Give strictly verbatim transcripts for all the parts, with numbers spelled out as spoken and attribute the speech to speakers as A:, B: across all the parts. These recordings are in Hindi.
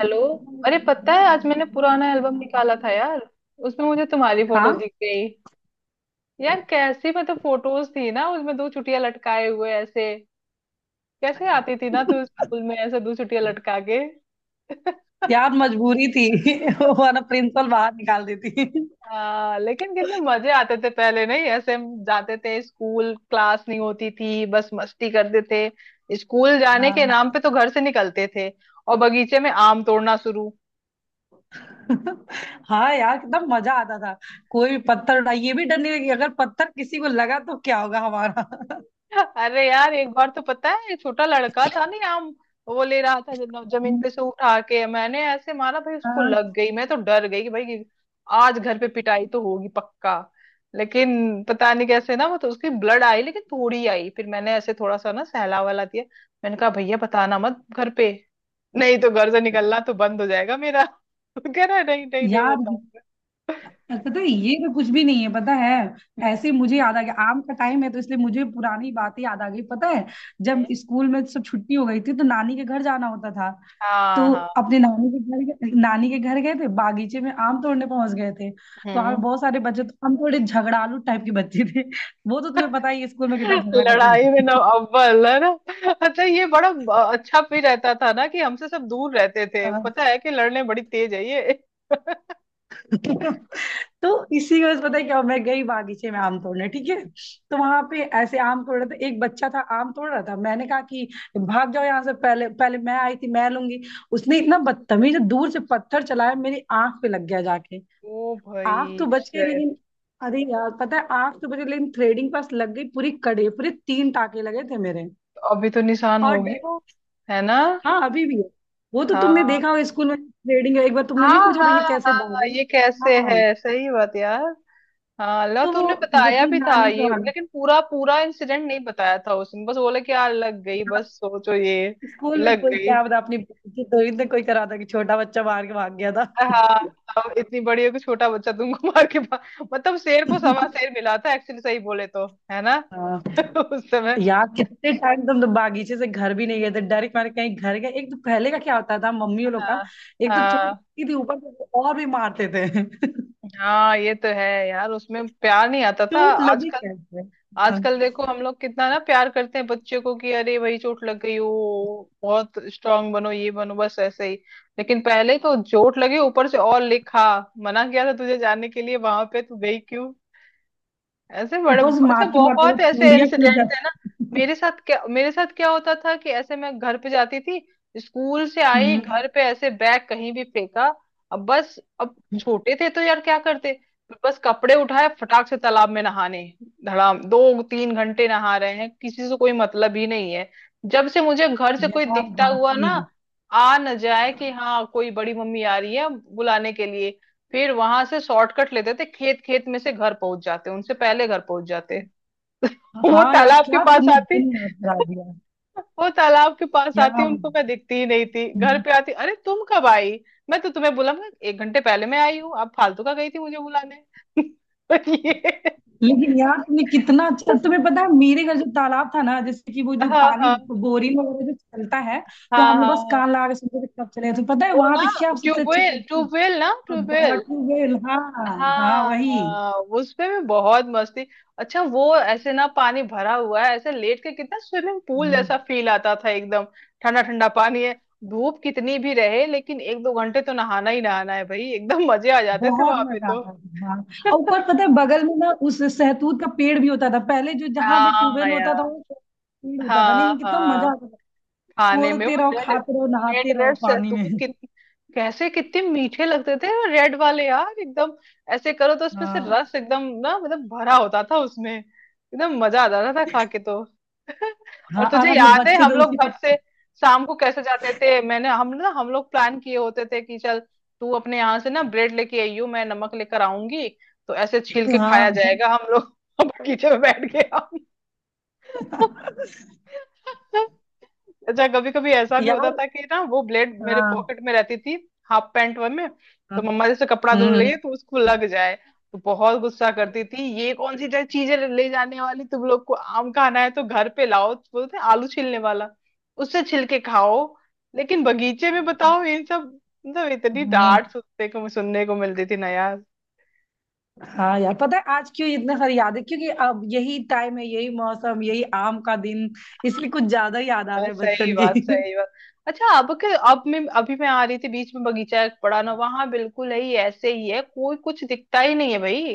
A: हेलो। अरे, पता है आज मैंने पुराना एल्बम निकाला था यार। उसमें मुझे तुम्हारी फोटो
B: हाँ,
A: दिख गई। यार कैसी मतलब फोटोज थी ना, उसमें दो चुटिया लटकाए हुए ऐसे। कैसे आती थी ना तू स्कूल में, ऐसे दो चुटिया लटका के।
B: यार मजबूरी थी वरना प्रिंसिपल बाहर निकाल देती।
A: हाँ, लेकिन कितने मजे आते थे पहले। नहीं ऐसे, हम जाते थे स्कूल, क्लास नहीं होती थी, बस मस्ती करते थे। स्कूल जाने के नाम
B: हाँ।
A: पे तो घर से निकलते थे। और बगीचे में आम तोड़ना शुरू।
B: हाँ यार कितना मजा आता था। कोई भी पत्थर उठा, ये भी डर नहीं लगी अगर पत्थर किसी को लगा तो क्या होगा हमारा।
A: अरे यार, एक बार तो पता है, छोटा लड़का था ना आम। वो ले रहा था, जब- जमीन पे से उठा के मैंने ऐसे मारा भाई, उसको
B: हाँ,
A: लग गई। मैं तो डर गई कि भाई, आज घर पे पिटाई तो होगी पक्का। लेकिन पता नहीं कैसे ना, वो तो उसकी ब्लड आई लेकिन थोड़ी आई, फिर मैंने ऐसे थोड़ा सा ना सहला वाला दिया। मैंने कहा, भैया बताना मत घर पे। नहीं तो घर से निकलना तो बंद हो जाएगा मेरा। तो कह रहा है, नहीं नहीं नहीं
B: यार
A: बताऊंगा।
B: पता है ये तो कुछ भी नहीं है, पता है
A: हम्म।
B: ऐसे ही मुझे याद आ गया। आम का टाइम है तो इसलिए मुझे पुरानी बातें याद आ गई। पता है जब स्कूल में सब छुट्टी हो गई थी तो नानी के घर जाना होता था।
A: हाँ
B: तो
A: हाँ।
B: अपने नानी के घर गए, नानी के घर गए थे, बागीचे में आम तोड़ने पहुंच गए थे। तो वहां पे
A: हम्म।
B: बहुत सारे बच्चे, तो हम थोड़े झगड़ालू टाइप के बच्चे थे। वो तो तुम्हें पता ही है, स्कूल में कितना झगड़ा करते
A: लड़ाई में ना
B: थे।
A: अव्वल है ना। अच्छा, ये बड़ा अ, अच्छा भी रहता था ना कि हमसे सब दूर रहते थे,
B: हाँ।
A: पता है कि लड़ने बड़ी तेज है ये।
B: तो इसी वजह से पता है क्या हुआ? मैं गई बागीचे में आम तोड़ने, ठीक है। तो वहां पे ऐसे आम तोड़ रहे थे, एक बच्चा था आम तोड़ रहा था, मैंने कहा कि भाग जाओ यहाँ से, पहले पहले मैं आई थी, मैं लूंगी। उसने इतना बदतमीज दूर से पत्थर चलाया, मेरी आंख पे लग गया जाके।
A: ओ
B: आग
A: भाई,
B: तो बच गई
A: shit।
B: लेकिन, अरे यार पता है आग तो बच गई लेकिन थ्रेडिंग पास लग गई पूरी, कड़े पूरे तीन टाके लगे थे मेरे।
A: अभी तो निशान
B: और
A: होगी
B: डर,
A: वो। है ना।
B: हाँ अभी भी है। वो तो तुमने
A: हाँ
B: देखा हो स्कूल में, थ्रेडिंग, एक बार तुमने
A: हाँ
B: नहीं पूछा था ये
A: हाँ।
B: कैसे
A: हाँ,
B: दाग है?
A: ये कैसे
B: हाँ।
A: है, सही बात यार। हाँ लो,
B: तो वो
A: तूने बताया
B: वही
A: भी था
B: नानी के
A: ये
B: वहां,
A: लेकिन पूरा पूरा इंसिडेंट नहीं बताया था, उसने बस बोला कि यार लग गई,
B: यहाँ
A: बस। सोचो ये।
B: स्कूल में
A: लग
B: कोई
A: गई।
B: क्या बता, अपनी बेइज्जती थोड़ी ना कोई करा था कि छोटा बच्चा मार के भाग गया था।
A: हाँ। अब इतनी बड़ी हो कि छोटा बच्चा तुमको मार के पा- मतलब शेर को सवा शेर मिला था एक्चुअली, सही बोले तो, है ना।
B: हाँ
A: उस समय।
B: यार कितने टाइम से, हम तो बागीचे से घर भी नहीं गए थे डायरेक्ट, हमारे कहीं घर गए। एक तो पहले का क्या होता था मम्मी लोग का,
A: हाँ
B: एक तो चोट
A: हाँ।
B: लगती थी ऊपर से तो और भी मारते थे।
A: हाँ, ये तो है यार, उसमें प्यार नहीं आता था।
B: चोट लगी
A: आजकल।
B: कैसे हाँ,
A: आजकल देखो हम लोग कितना ना प्यार करते हैं बच्चे को कि अरे, वही चोट लग गई हो। बहुत स्ट्रांग बनो, ये बनो, बस ऐसे ही। लेकिन पहले तो चोट लगी ऊपर से और लिखा। मना किया था तुझे जाने के लिए, वहां पे तू गई। ऐसे बड़े,
B: ऊपर से
A: अच्छा
B: मारते मारते वो
A: बहुत ऐसे
B: चूड़ियां टूट
A: इंसिडेंट है ना।
B: जाती।
A: मेरे साथ क्या, मेरे साथ क्या होता था कि ऐसे मैं घर पे जाती थी। स्कूल से आई,
B: हम्म।
A: घर पे ऐसे बैग कहीं भी फेंका। अब बस, अब छोटे थे तो यार क्या करते। बस कपड़े उठाए फटाक से तालाब में नहाने। धड़ाम, दो तीन घंटे नहा रहे हैं, किसी से कोई मतलब ही नहीं है। जब से मुझे घर से कोई
B: यार
A: दिखता हुआ
B: वाकई
A: ना
B: में।
A: आ न जाए कि हाँ कोई बड़ी मम्मी आ रही है बुलाने के लिए। फिर वहां से शॉर्टकट लेते थे, खेत खेत में से घर पहुंच जाते, उनसे पहले घर पहुंच जाते। वो
B: हाँ यार
A: तालाब के
B: क्या
A: पास
B: तुमने
A: आती।
B: दिन याद करा दिया।
A: वो तालाब के पास
B: क्या।
A: आती, उनको मैं दिखती ही नहीं थी। घर
B: हम्म,
A: पे आती, अरे तुम कब आई। मैं तो तुम्हें बोला मैं एक घंटे पहले मैं आई हूँ, आप फालतू का गई थी मुझे बुलाने। और ये।
B: लेकिन यार तुमने कितना अच्छा, तुम्हें पता है मेरे घर जो तालाब था ना, जैसे कि वो जो
A: हाँ
B: पानी
A: हाँ
B: बोरिंग वगैरह जो चलता है, तो
A: हाँ
B: हम लोग
A: हाँ
B: बस
A: हाँ।
B: कान लगा के सुनते थे कब चले। तो पता है
A: वो
B: वहां
A: ना।
B: पे क्या सबसे अच्छी
A: ट्यूबवेल,
B: चीज थी?
A: ट्यूबवेल ना,
B: अब हाँ,
A: ट्यूबवेल।
B: ट्यूबवेल हाँ। हाँ
A: हाँ
B: वही।
A: हाँ। उसपे भी बहुत मस्ती। अच्छा वो ऐसे ना, पानी भरा हुआ है, ऐसे लेट के कितना स्विमिंग पूल
B: हम्म,
A: जैसा फील आता था एकदम। ठंडा ठंडा पानी है। धूप कितनी भी रहे लेकिन एक दो घंटे तो नहाना ही नहाना है भाई, एकदम मजे आ जाते थे
B: बहुत
A: वहां पे
B: मजा
A: तो।
B: आता था हाँ। और ऊपर पता है बगल में ना उस सहतूत का पेड़ भी होता था पहले, जो जहां पे
A: हाँ
B: ट्यूबवेल होता था
A: यार।
B: वो पेड़ होता था,
A: हाँ
B: नहीं कितना
A: हाँ।
B: मजा आता था।
A: खाने में
B: तोड़ते
A: वो
B: रहो,
A: रेड,
B: खाते रहो,
A: रेड
B: नहाते रहो
A: रेड
B: पानी में।
A: सहतूत कितने, कैसे कितने मीठे लगते थे वो रेड वाले यार, एकदम ऐसे करो तो उसमें से
B: हाँ।
A: रस एकदम ना, मतलब भरा होता था उसमें, एकदम मजा आ जाता था खा के तो। और
B: हाँ और
A: तुझे
B: हम लोग
A: याद है,
B: बच्चे
A: हम
B: तो
A: लोग
B: उसी का।
A: घर से शाम को कैसे जाते थे, मैंने हम ना, हम लोग प्लान किए होते थे कि चल तू अपने यहाँ से ना ब्रेड लेके आइयो, मैं नमक लेकर आऊंगी, तो ऐसे छील के खाया
B: हाँ
A: जाएगा हम लोग। बगीचे में बैठ के हम। अच्छा कभी कभी ऐसा भी होता
B: यार।
A: था कि ना वो ब्लेड मेरे
B: हाँ
A: पॉकेट में रहती थी, हाफ पैंट वन में,
B: हाँ।
A: तो मम्मा जैसे कपड़ा धुल रही है
B: हम्म,
A: तो उसको लग जाए, तो बहुत गुस्सा करती थी, ये कौन सी चीज है ले जाने वाली, तुम लोग को आम खाना है तो घर पे लाओ, तो बोलते हैं, आलू छीलने वाला उससे छिलके खाओ। लेकिन बगीचे में बताओ इन सब, मतलब इतनी
B: हाँ।
A: डांट सुनने को सुनने को मिलती थी ना यार।
B: हाँ यार पता है आज क्यों इतने सारी याद है, क्योंकि अब यही टाइम है, यही मौसम, यही आम का दिन, इसलिए कुछ ज्यादा ही याद आ रहा
A: बात-
B: है
A: सही
B: बचपन
A: बात,
B: की।
A: सही बात। अच्छा अब के, अब मैं, अभी मैं आ रही थी बीच में बगीचा एक पड़ा ना, वहां बिल्कुल ही ऐसे ही है, कोई कुछ दिखता ही नहीं है भाई।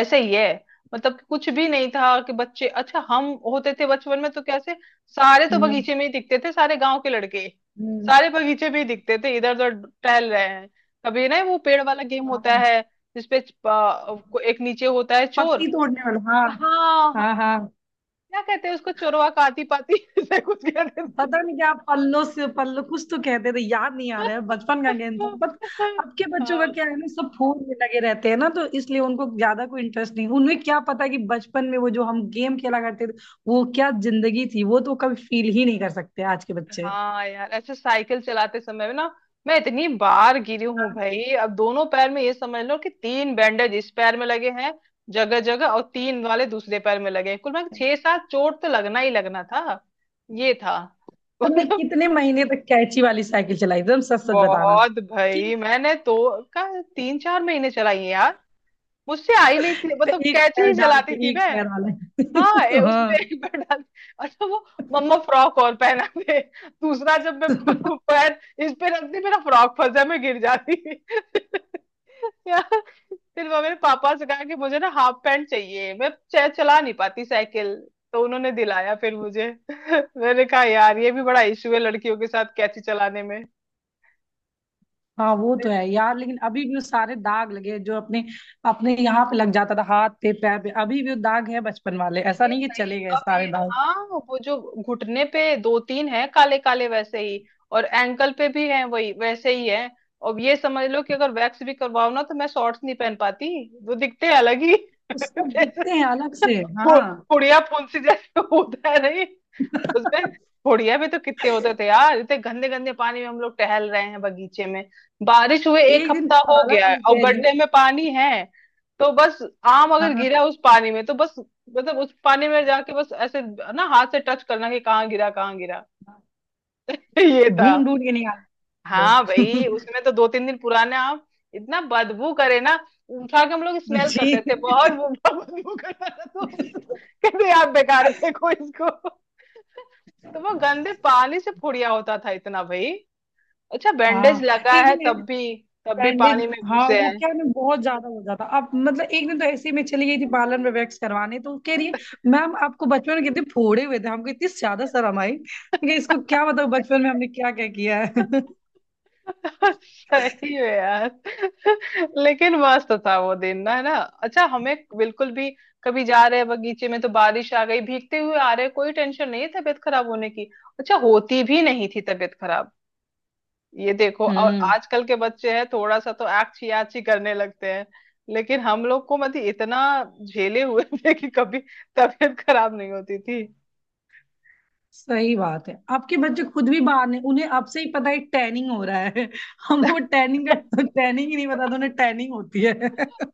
A: ऐसे ही है। मतलब कि कुछ भी नहीं था कि बच्चे, अच्छा हम होते थे बचपन में तो कैसे सारे तो
B: हम्म।
A: बगीचे में ही दिखते थे, सारे गांव के लड़के,
B: हम्म,
A: सारे बगीचे में ही दिखते थे, इधर उधर टहल रहे हैं। कभी ना वो पेड़ वाला गेम होता
B: हाँ।
A: है जिसपे प- एक नीचे होता है
B: पत्ती
A: चोर।
B: तोड़ने वाला हाँ।
A: हाँ
B: हाँ
A: हाँ।
B: हाँ।
A: क्या कहते हैं उसको, चोरवा का आती पाती, ऐसे कुछ कहते हैं।
B: पता नहीं क्या, आप पल्लो से पल्लो कुछ तो कहते थे, याद नहीं आ रहा है, बचपन का गेम था बट अब के बच्चों का
A: हाँ
B: क्या है ना, सब फोन में लगे रहते हैं ना, तो इसलिए उनको ज्यादा कोई इंटरेस्ट नहीं। उन्हें क्या पता कि बचपन में वो जो हम गेम खेला करते थे, वो क्या जिंदगी थी, वो तो कभी फील ही नहीं कर सकते आज के बच्चे।
A: हाँ यार, अच्छा साइकिल चलाते समय ना, मैं इतनी बार गिरी हूँ
B: हाँ।
A: भाई, अब दोनों पैर में ये समझ लो कि तीन बैंडेज इस पैर में लगे हैं जगह जगह, और तीन वाले दूसरे पैर में लगे हैं, कुल मैं छह सात चोट तो लगना ही लगना था। ये था।
B: तुमने
A: मतलब
B: कितने महीने तक कैची वाली साइकिल चलाई, एकदम सच सच बताना
A: बहुत
B: कि?
A: भाई, मैंने तो का तीन चार महीने चलाई है यार, मुझसे आई नहीं थी, मतलब
B: एक
A: कैची
B: पैर
A: ही
B: डाल
A: चलाती
B: के,
A: थी
B: एक
A: मैं।
B: पैर वाला।
A: हाँ, ये उसमें एक बार डाल, अच्छा वो मम्मा फ्रॉक और पहना दे, दूसरा जब मैं प-
B: हाँ
A: पैर इस पे रखती मेरा फ्रॉक फंस जाए, मैं गिर जाती यार। फिर वो मेरे पापा से कहा कि मुझे ना हाफ पैंट चाहिए, मैं च- चला नहीं पाती साइकिल, तो उन्होंने दिलाया फिर मुझे। मैंने कहा यार ये भी बड़ा इशू है लड़कियों के साथ कैची चलाने में।
B: हाँ। वो तो है यार, लेकिन अभी भी वो सारे दाग लगे हैं, जो अपने अपने यहाँ पे लग जाता था हाथ पे पैर पे, अभी भी वो दाग है बचपन वाले, ऐसा
A: अरे
B: नहीं कि
A: भाई,
B: चले गए
A: अब ये,
B: सारे दाग।
A: हाँ वो जो घुटने पे दो तीन है काले काले, वैसे ही, और एंकल पे भी है वही, वैसे ही है। अब ये समझ लो कि अगर वैक्स भी करवाओ ना तो मैं शॉर्ट्स नहीं पहन पाती, वो दिखते हैं अलग ही
B: वो सब
A: जैसे
B: दिखते हैं अलग से।
A: पु-
B: हाँ।
A: पुड़िया फुंसी जैसे होता है, नहीं उसमें बुढ़िया भी तो कितने होते थे यार, इतने गंदे गंदे पानी में हम लोग टहल रहे हैं बगीचे में, बारिश हुए एक
B: एक दिन
A: हफ्ता हो
B: पाला
A: गया है
B: वाली
A: और
B: कह रही
A: गड्ढे
B: है।
A: में पानी है। तो बस, आम अगर
B: हाँ
A: गिरा उस पानी में तो बस, मतलब उस पानी में जाके बस ऐसे ना हाथ से टच करना कि कहाँ गिरा, कहाँ गिरा। ये था।
B: ढूंढ ढूंढ के निकाल
A: हाँ
B: लो।
A: भाई, उसमें तो दो तीन दिन पुराने आम इतना बदबू करे ना, उठा के हम लोग स्मेल
B: जी।
A: करते थे, बहुत बदबू करता था तो कहते यार बेकार फेंको इसको। तो वो गंदे पानी से फुड़िया होता था इतना भाई। अच्छा बैंडेज
B: हाँ
A: लगा
B: एक
A: है
B: दिन,
A: तब भी, तब भी
B: बैंडेज,
A: पानी में
B: हाँ
A: घुसे
B: वो
A: हैं।
B: क्या ना, बहुत ज्यादा हो जाता, अब मतलब एक दिन तो ऐसे ही मैं चली गई थी पार्लर में वैक्स करवाने, तो वो कह रही है मैम आपको बचपन में कितने फोड़े हुए थे, हमको इतनी ज्यादा शर्म आई। मैं कहा, इसको क्या बताऊं बचपन में हमने क्या क्या किया है।
A: सही है यार। लेकिन मस्त था वो दिन ना, है ना, अच्छा हमें बिल्कुल भी, कभी जा रहे हैं बगीचे में तो बारिश आ गई, भीगते हुए आ रहे, कोई टेंशन नहीं है तबीयत खराब होने की। अच्छा होती भी नहीं थी तबीयत खराब। ये देखो, और
B: हम्म।
A: आजकल के बच्चे हैं थोड़ा सा तो आछी आछी करने लगते हैं, लेकिन हम लोग को मतलब इतना झेले हुए थे कि कभी तबीयत खराब नहीं होती थी।
B: सही बात है, आपके बच्चे खुद भी बाहर ने, उन्हें अब से ही पता है टैनिंग हो रहा है। हम लोग टैनिंग का तो, टैनिंग ही नहीं पता था, उन्हें टैनिंग होती है।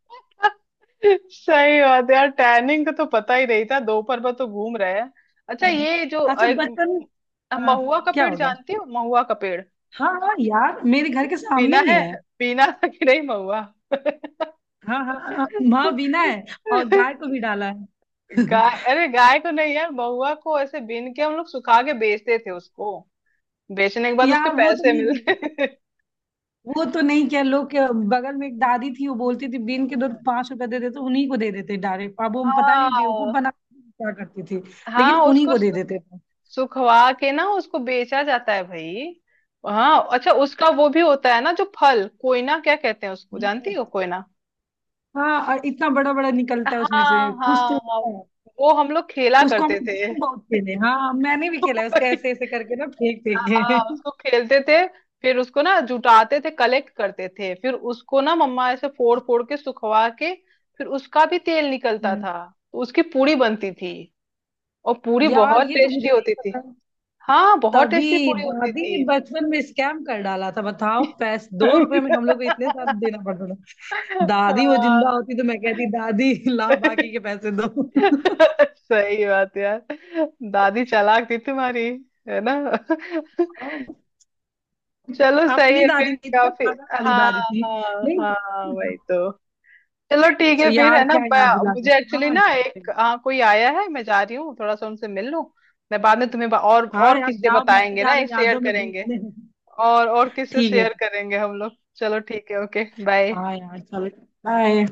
A: सही बात है यार, टैनिंग का तो पता ही नहीं था, दोपहर भर तो घूम रहे हैं। अच्छा
B: हाँ।
A: ये जो
B: अच्छा बचपन,
A: अ,
B: हाँ,
A: महुआ का
B: क्या
A: पेड़,
B: हो गया?
A: जानती हो महुआ का पेड़।
B: हाँ हाँ यार, मेरे घर के सामने
A: पीना
B: ही
A: है,
B: है।
A: पीना था कि नहीं महुआ।
B: हाँ हाँ हाँ, माँ बिना है और गाय को भी डाला है।
A: गाय? अरे गाय को नहीं यार, महुआ को ऐसे बीन के हम लोग सुखा के बेचते थे उसको, बेचने के बाद उसके
B: यार वो तो
A: पैसे
B: नहीं देते
A: मिलते
B: थे,
A: थे।
B: वो तो नहीं क्या लोग के, बगल में एक दादी थी वो बोलती थी बीन के दूध, पांच रुपए दे देते, उन्हीं को दे देते डायरेक्ट, अब हम पता नहीं बेवकूफ
A: हाँ
B: बना के क्या करती थी,
A: हाँ,
B: लेकिन उन्हीं
A: उसको
B: को दे
A: सु-
B: देते थे।
A: सुखवा के ना उसको बेचा जाता है भाई। हाँ, अच्छा उसका वो भी होता है ना, जो फल कोयना क्या कहते हैं उसको, जानती
B: हम्म।
A: हो कोयना।
B: हाँ और इतना बड़ा बड़ा निकलता है उसमें से,
A: हाँ
B: कुछ तो
A: हाँ हाँ।
B: होता है।
A: वो हम लोग खेला
B: उसको हम
A: करते थे।
B: गेम बहुत खेले, हाँ मैंने भी खेला है उसको ऐसे ऐसे करके ना, फेंक फेंक के।
A: हाँ उसको खेलते थे, फिर उसको ना जुटाते थे, कलेक्ट करते थे, फिर उसको ना मम्मा ऐसे फोड़ फोड़ के सुखवा के, फिर उसका भी तेल निकलता
B: हम्म।
A: था, तो उसकी पूरी बनती थी, और पूरी
B: यार
A: बहुत
B: ये तो
A: टेस्टी
B: मुझे नहीं
A: होती थी।
B: पता।
A: हाँ बहुत टेस्टी
B: तभी
A: पूरी होती
B: दादी ने
A: थी।
B: बचपन में स्कैम कर डाला था बताओ, पैस दो रुपए में हम लोग को इतने साथ देना पड़ता था। दादी वो
A: हाँ।
B: जिंदा होती तो मैं कहती दादी लाओ बाकी के पैसे दो।
A: सही बात यार, दादी चालाक थी तुम्हारी, है ना। चलो सही
B: अपनी
A: है
B: दादी
A: फिर
B: नहीं थी, मैं
A: काफी।
B: बगल वाली
A: हाँ
B: दादी थी।
A: हाँ
B: नहीं
A: हाँ, वही तो। चलो ठीक है फिर, है
B: यार
A: ना,
B: क्या याद
A: ब-
B: दिला दी।
A: मुझे एक्चुअली
B: हाँ
A: ना
B: यार।
A: एक आ, कोई आया है, मैं जा रही हूँ थोड़ा सा उनसे मिल लूँ। मैं बाद में तुम्हें बा- और
B: हाँ
A: और
B: यार,
A: किससे
B: जाओ मैं भी
A: बताएंगे
B: जा
A: ना,
B: रही
A: ये
B: हूँ
A: शेयर
B: यादों में
A: करेंगे,
B: डूबने।
A: और और किससे
B: ठीक है।
A: शेयर करेंगे हम लोग। चलो ठीक है, ओके बाय।
B: हाँ यार चलो। बाय।